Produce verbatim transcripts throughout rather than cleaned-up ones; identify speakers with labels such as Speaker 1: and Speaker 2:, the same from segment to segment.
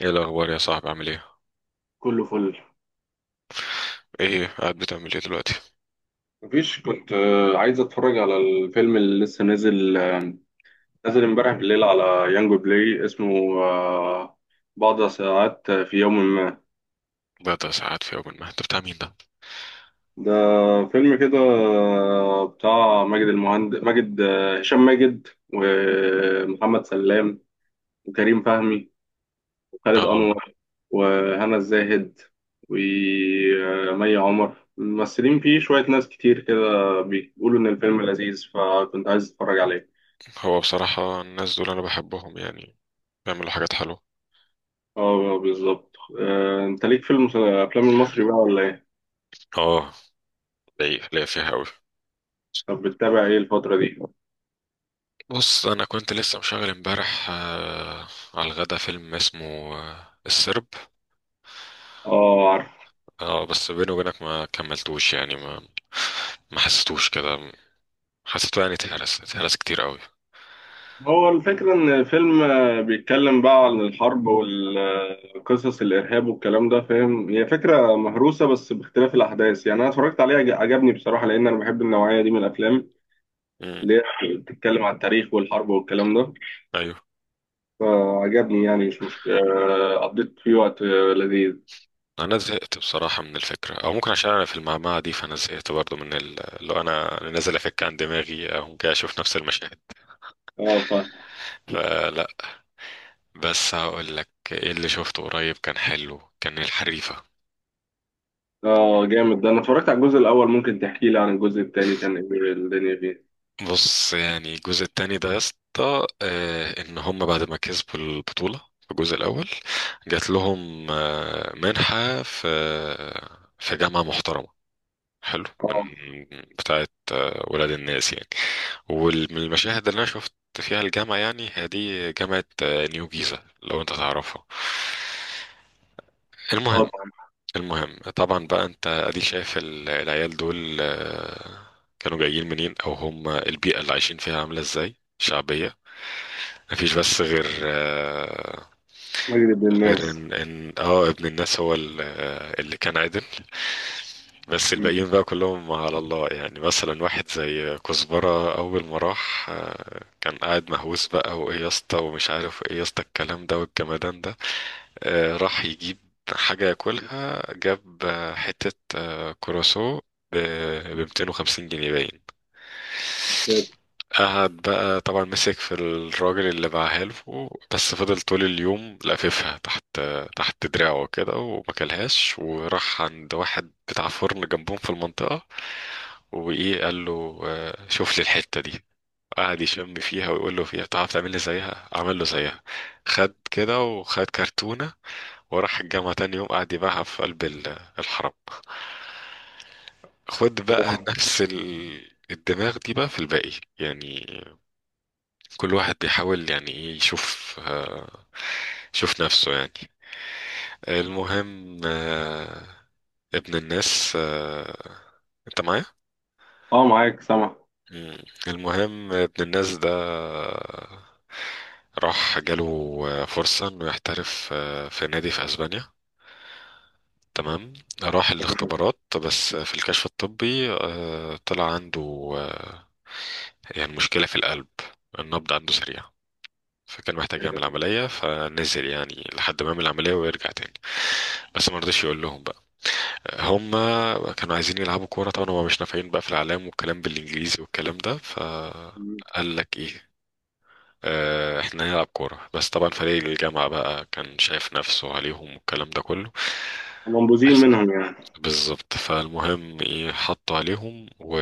Speaker 1: ايه الاخبار يا صاحبي؟ عامل ايه؟
Speaker 2: كله فل.
Speaker 1: ايه قاعد بتعمل ايه دلوقتي؟
Speaker 2: مفيش، كنت آه، عايز اتفرج على الفيلم اللي لسه نازل، آه، نازل امبارح بالليل على يانجو بلاي. اسمه آه، بعض ساعات في يوم ما.
Speaker 1: بقى ساعات في يوم ما، انت بتاع مين ده؟
Speaker 2: ده فيلم كده، آه، بتاع ماجد المهندس، ماجد آه، هشام ماجد ومحمد سلام وكريم فهمي وخالد
Speaker 1: اه،
Speaker 2: انور وهنا الزاهد ومي عمر. ممثلين فيه شوية ناس كتير كده، بيقولوا إن الفيلم لذيذ فكنت عايز أتفرج عليه.
Speaker 1: هو بصراحة الناس دول انا بحبهم يعني، بيعملوا حاجات حلوة.
Speaker 2: اه آه، بالظبط. آه، انت ليك فيلم افلام المصري بقى ولا ايه؟
Speaker 1: اه، ليا ليا فيها قوي.
Speaker 2: طب بتتابع ايه الفترة دي؟
Speaker 1: بص، انا كنت لسه مشغل امبارح آه على الغدا فيلم اسمه آه السرب.
Speaker 2: اه عارف.
Speaker 1: اه بس بيني وبينك ما كملتوش، يعني ما ما حسيتوش كده، حسيته يعني اتهرس، اتهرس كتير قوي.
Speaker 2: هو الفكرة ان الفيلم آه، بيتكلم بقى عن الحرب والقصص الارهاب والكلام ده، فاهم؟ هي فكرة مهروسة بس باختلاف الاحداث. يعني انا اتفرجت عليه عج- عجبني بصراحة لان انا بحب النوعية دي من الافلام
Speaker 1: امم
Speaker 2: اللي هي بتتكلم عن التاريخ والحرب والكلام ده.
Speaker 1: ايوه،
Speaker 2: فعجبني يعني، مش مشكلة. آه، قضيت فيه وقت آه، لذيذ.
Speaker 1: انا زهقت بصراحه من الفكره، او ممكن عشان انا في المعمعه دي، فانا زهقت برضو من ال- اللي هو انا أنا نازل افك عن دماغي او جاي اشوف نفس المشاهد،
Speaker 2: اه.
Speaker 1: فلا. بس هقول لك ايه اللي شفته قريب كان حلو، كان الحريفه.
Speaker 2: اه جامد. ده انا اتفرجت على الجزء الاول، ممكن تحكي لي عن الجزء الثاني كان ايه الدنيا فيه؟
Speaker 1: بص يعني الجزء التاني ده يا اسطى، آه، ان هم بعد ما كسبوا البطوله في الجزء الاول، جات لهم آه، منحه في في جامعه محترمه حلو، من
Speaker 2: اه.
Speaker 1: بتاعه ولاد الناس يعني. والمشاهد اللي انا شفت فيها الجامعة، يعني هي دي جامعة آه، نيو جيزة لو انت تعرفها.
Speaker 2: اه
Speaker 1: المهم،
Speaker 2: طبعا.
Speaker 1: المهم طبعا بقى، انت ادي شايف ال- العيال دول آه، كانوا جايين منين، او هم البيئة اللي عايشين فيها عاملة ازاي، شعبية. مفيش بس غير آه،
Speaker 2: مجلد
Speaker 1: غير
Speaker 2: الناس.
Speaker 1: ان ان اه ابن الناس هو ال- آه، اللي كان عدل. بس
Speaker 2: مم.
Speaker 1: الباقيين بقى كلهم على الله، يعني مثلا واحد زي كزبرة أول ما راح آه، كان قاعد مهووس بقى، وإيه يا اسطى ومش عارف إيه يا اسطى، الكلام ده والجمدان ده. آه، راح يجيب حاجة ياكلها، جاب آه، حتة آه، كروسو ب مئتين وخمسين جنيه باين. قعد بقى طبعا، مسك في الراجل اللي باعها له، بس فضل طول اليوم لاففها تحت تحت دراعه كده وما كلهاش، وراح عند واحد بتاع فرن جنبهم في المنطقة، وايه قال له آه، شوف لي الحتة دي، قعد يشم فيها ويقول له فيها تعرف تعمل لي زيها. عمل له زيها، خد كده وخد كرتونة وراح الجامعة تاني يوم، قعد يبيعها في قلب ال- الحرم. خد بقى نفس ال- الدماغ دي بقى في الباقي، يعني كل واحد بيحاول يعني ايه يشوف آه، يشوف نفسه يعني. المهم آه، ابن الناس آه، انت معايا؟
Speaker 2: اه معاك سامع.
Speaker 1: مم. المهم ابن الناس ده آه، راح جاله آه، فرصة انه يحترف آه، في نادي في اسبانيا. تمام، راح
Speaker 2: تمام.
Speaker 1: الاختبارات، بس في الكشف الطبي آه، طلع عنده آه، يعني مشكلة في القلب، النبض عنده سريع، فكان محتاج يعمل عملية، فنزل يعني لحد ما يعمل العملية ويرجع تاني. بس ما رضيش يقول لهم بقى. هم كانوا عايزين يلعبوا كورة، طبعا هم مش نافعين بقى في الإعلام والكلام بالإنجليزي والكلام ده،
Speaker 2: مم.
Speaker 1: فقال لك إيه آه، احنا هنلعب كورة. بس طبعا فريق الجامعة بقى كان شايف نفسه عليهم والكلام ده كله.
Speaker 2: منبوذين
Speaker 1: بس
Speaker 2: منهم يعني.
Speaker 1: بالظبط، فالمهم ايه، حطوا عليهم، و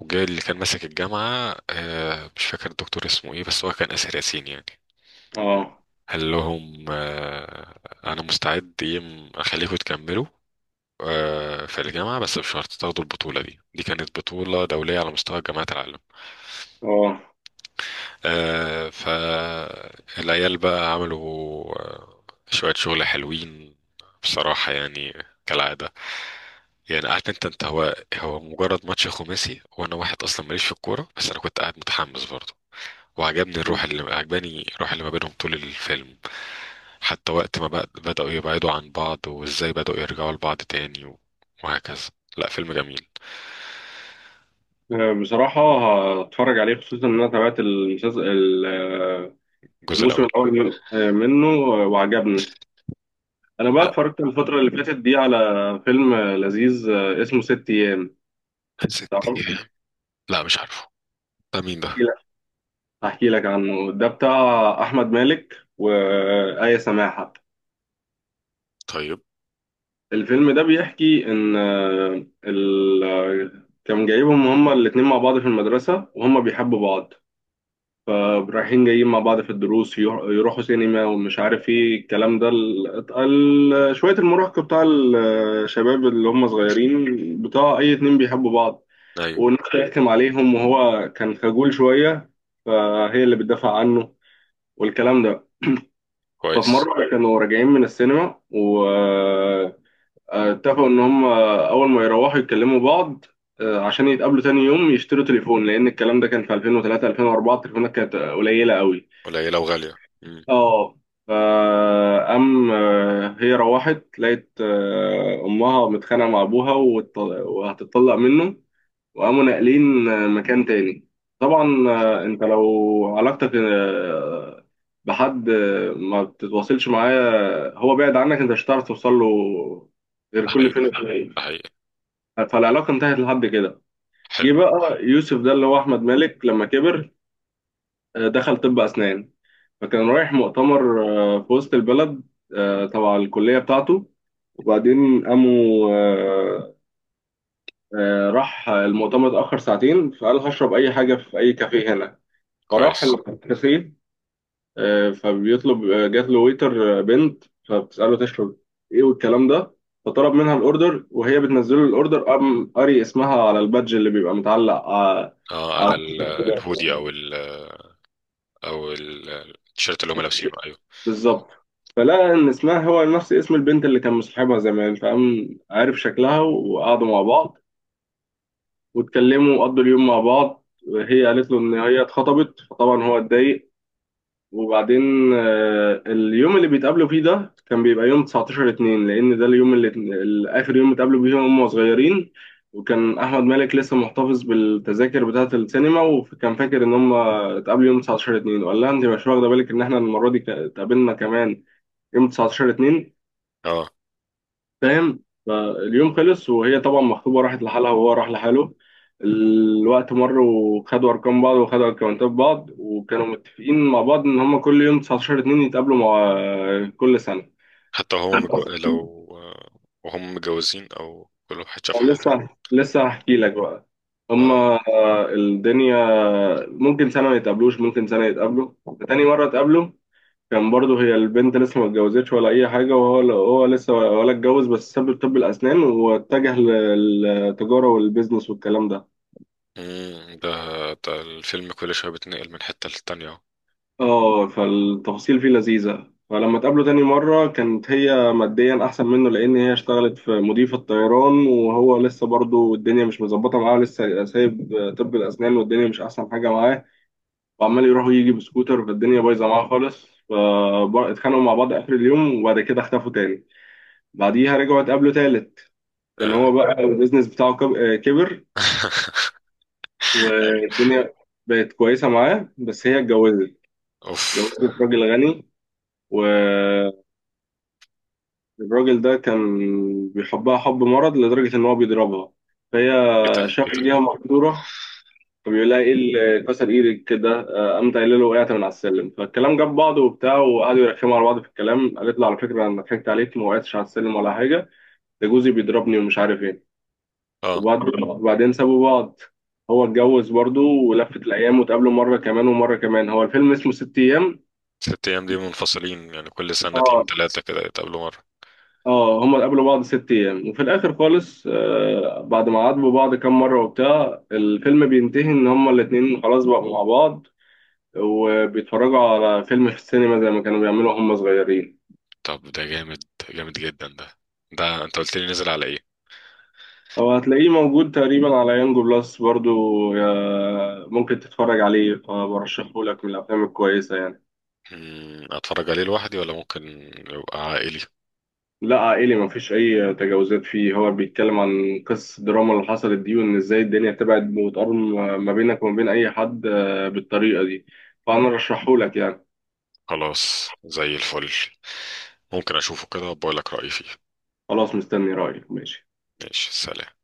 Speaker 1: وجاي اللي كان ماسك الجامعة، آه، مش فاكر الدكتور اسمه ايه، بس هو كان آسر ياسين يعني.
Speaker 2: اه.
Speaker 1: قال لهم آه، انا مستعد يم اخليكم تكملوا آه، في الجامعة، بس بشرط تاخدوا البطولة دي، دي كانت بطولة دولية على مستوى جامعات العالم.
Speaker 2: اه.
Speaker 1: آه، فالعيال بقى عملوا آه، شوية شغل حلوين بصراحة يعني، كالعادة. يعني عارف انت، انت هو هو مجرد ماتش خماسي وانا واحد اصلا ماليش في الكورة، بس انا كنت قاعد متحمس برضه. وعجبني
Speaker 2: مم.
Speaker 1: الروح اللي عجباني، الروح اللي ما بينهم طول الفيلم، حتى وقت ما بق- بدأوا يبعدوا عن بعض، وازاي بدأوا يرجعوا لبعض تاني و- وهكذا. لا فيلم جميل.
Speaker 2: بصراحة هتفرج عليه، خصوصا ان انا تابعت المسلسل ال- آه،
Speaker 1: الجزء
Speaker 2: الموسم
Speaker 1: الأول.
Speaker 2: الاول منه، آه، وعجبني. انا بقى
Speaker 1: لا
Speaker 2: اتفرجت الفترة اللي فاتت دي على فيلم آه، لذيذ آه، اسمه ست ايام.
Speaker 1: ست
Speaker 2: تعرفش؟
Speaker 1: أيام. لا مش عارفه، ده مين ده؟
Speaker 2: هحكي لك عنه. ده بتاع أحمد مالك وآية سماحة.
Speaker 1: طيب.
Speaker 2: الفيلم ده بيحكي إن آه، ال... آه، كان جايبهم هما الاتنين مع بعض في المدرسة وهما بيحبوا بعض. فرايحين جايين مع بعض في الدروس، يروح- يروحوا سينما ومش عارف ايه الكلام ده، ال... ال- شوية المراهقة بتاع الشباب اللي هما صغيرين، بتاع أي اتنين بيحبوا بعض.
Speaker 1: أيوة.
Speaker 2: والناس بتحكم عليهم وهو كان خجول شوية فهي اللي بتدافع عنه والكلام ده. ففي
Speaker 1: كويس.
Speaker 2: مرة كانوا راجعين من السينما، واتفقوا إن هم أول ما يروحوا يتكلموا بعض آه، عشان يتقابلوا تاني يوم يشتروا تليفون، لأن الكلام ده كان في الفين وتلاته الفين واربعة، التليفونات كانت قليلة قوي.
Speaker 1: قليلة وغالية. مم.
Speaker 2: اه. فقام آه، هي روحت لقيت آه، أمها متخانقة مع أبوها وت- وهتتطلق منه، وقاموا ناقلين آه، مكان تاني. طبعا آه، انت لو علاقتك آه، بحد آه، ما بتتواصلش معاه، هو بعد عنك، انت مش هتعرف توصل له غير
Speaker 1: ده
Speaker 2: كل
Speaker 1: حقيقي،
Speaker 2: فين وفين.
Speaker 1: ده حقيقي.
Speaker 2: فالعلاقه انتهت لحد كده. جه
Speaker 1: حلو.
Speaker 2: بقى يوسف ده اللي هو احمد مالك لما كبر، آه، دخل طب اسنان. فكان رايح مؤتمر آه، في وسط البلد آه، تبع الكليه بتاعته. وبعدين قاموا آه، آه، راح المؤتمر اتأخر ساعتين، فقال هشرب أي حاجة في أي كافيه هنا. فراح
Speaker 1: كويس.
Speaker 2: الكافيه. آه، فبيطلب. آه، جات له ويتر آه، بنت، فبتسأله تشرب ايه والكلام ده. فطلب منها الاوردر، وهي بتنزل له الاوردر قام قاري اسمها على البادج اللي بيبقى متعلق على
Speaker 1: اه، على
Speaker 2: على
Speaker 1: ال- الهودي أو ال، أو ال- التيشيرت اللي هم لابسينه، أيوة.
Speaker 2: بالظبط. فلقى ان اسمها هو نفس اسم البنت اللي كان مصاحبها زمان، فقام عارف شكلها وقعدوا مع بعض واتكلموا وقضوا اليوم مع بعض. هي قالت له ان هي اتخطبت فطبعا هو اتضايق. وبعدين آه، اليوم اللي بيتقابلوا فيه ده كان بيبقى يوم تسعة عشر اثنين، لأن ده اليوم اللي اللي آخر يوم اتقابلوا فيه هم صغيرين. وكان أحمد مالك لسه محتفظ بالتذاكر بتاعة السينما، وكان فاكر إن هم اتقابلوا يوم تسعتاشر اتنين. وقال لها أنت مش واخدة بالك إن إحنا المرة دي ك- اتقابلنا كمان يوم تسعتاشر اتنين،
Speaker 1: اه،
Speaker 2: فاهم؟ فاليوم خلص، وهي طبعا مخطوبة راحت لحالها وهو راح لحاله. الوقت مر، وخدوا أرقام بعض وخدوا أكونتات بعض، وكانوا متفقين مع بعض إن هما كل يوم تسعتاشر اتنين يتقابلوا مع كل سنة.
Speaker 1: حتى هو مجو...
Speaker 2: بس
Speaker 1: لو وهم متجوزين أو كل واحد شاف حياته؟
Speaker 2: لسه لسه هحكي لك بقى.
Speaker 1: اه.
Speaker 2: هما الدنيا ممكن سنة ما يتقابلوش، ممكن سنة يتقابلوا. تاني مرة اتقابلوا كان برضه هي البنت لسه ما اتجوزتش ولا اي حاجه، وهو هو لسه ولا اتجوز بس ساب طب الاسنان واتجه للتجاره والبيزنس والكلام ده.
Speaker 1: امم، ده، ده الفيلم كل شويه بيتنقل من حته للتانيه اهو.
Speaker 2: اه. فالتفاصيل فيه لذيذه. فلما اتقابلوا تاني مره كانت هي ماديا احسن منه، لان هي اشتغلت في مضيفه طيران، وهو لسه برضه الدنيا مش مظبطه معاه، لسه سايب طب الاسنان والدنيا مش احسن حاجه معاه، وعمال يروح ويجي بسكوتر. فالدنيا بايظه معاه خالص، فاتخانقوا مع بعض اخر اليوم، وبعد كده اختفوا تاني. بعديها رجعوا اتقابلوا تالت. كان هو
Speaker 1: اه.
Speaker 2: بقى البيزنس بتاعه كب- آه، كبر،
Speaker 1: ايوه.
Speaker 2: والدنيا بقت كويسة معاه، بس هي اتجوزت.
Speaker 1: اوف.
Speaker 2: اتجوزت راجل غني، والراجل ده كان بيحبها حب مرض لدرجة إن هو بيضربها. فهي
Speaker 1: ايه ده، ايه
Speaker 2: شافت
Speaker 1: ده؟
Speaker 2: بيها مقدورة. فبيقول لها إيه اللي كسر إيدك كده؟ آه، قامت قايلة له وقعت من على السلم، فالكلام جاب بعضه وبتاع وقعدوا يرخموا على بعض في الكلام. قالت له على فكرة أنا ضحكت عليك، ما وقعتش على السلم ولا حاجة، ده جوزي بيضربني ومش عارف إيه.
Speaker 1: اه.
Speaker 2: وبعد- وبعدين سابوا بعض. هو اتجوز برضه ولفت الأيام واتقابلوا مرة كمان ومرة كمان. هو الفيلم اسمه ست أيام.
Speaker 1: ست ايام دي منفصلين يعني، كل سنتين
Speaker 2: اه.
Speaker 1: ثلاثه كده يتقابلوا مره؟
Speaker 2: اه هما اتقابلوا بعض ست أيام، وفي الآخر خالص آه بعد ما عاتبوا بعض كام مرة وبتاع، الفيلم بينتهي إن هما الاتنين خلاص بقوا مع بعض وبيتفرجوا على فيلم في السينما زي ما كانوا بيعملوا هما صغيرين.
Speaker 1: طب ده جامد، جامد جدا ده. ده انت قلت لي نزل على ايه؟
Speaker 2: هو هتلاقيه موجود تقريبا على يانجو بلس برضو، آه، ممكن تتفرج عليه. فبرشحه لك من الأفلام الكويسة يعني.
Speaker 1: امم، اتفرج عليه لوحدي ولا ممكن يبقى عائلي؟
Speaker 2: لا عائلي، مفيش أي تجاوزات فيه. هو بيتكلم عن قصة الدراما اللي حصلت دي، وإن إزاي الدنيا تبعد وتقرب ما بينك وما بين أي حد آه، بالطريقة دي. فأنا رشحهولك يعني.
Speaker 1: خلاص زي الفل، ممكن اشوفه كده وبقول لك رايي فيه.
Speaker 2: خلاص مستني رأيك. ماشي.
Speaker 1: ماشي، سلام.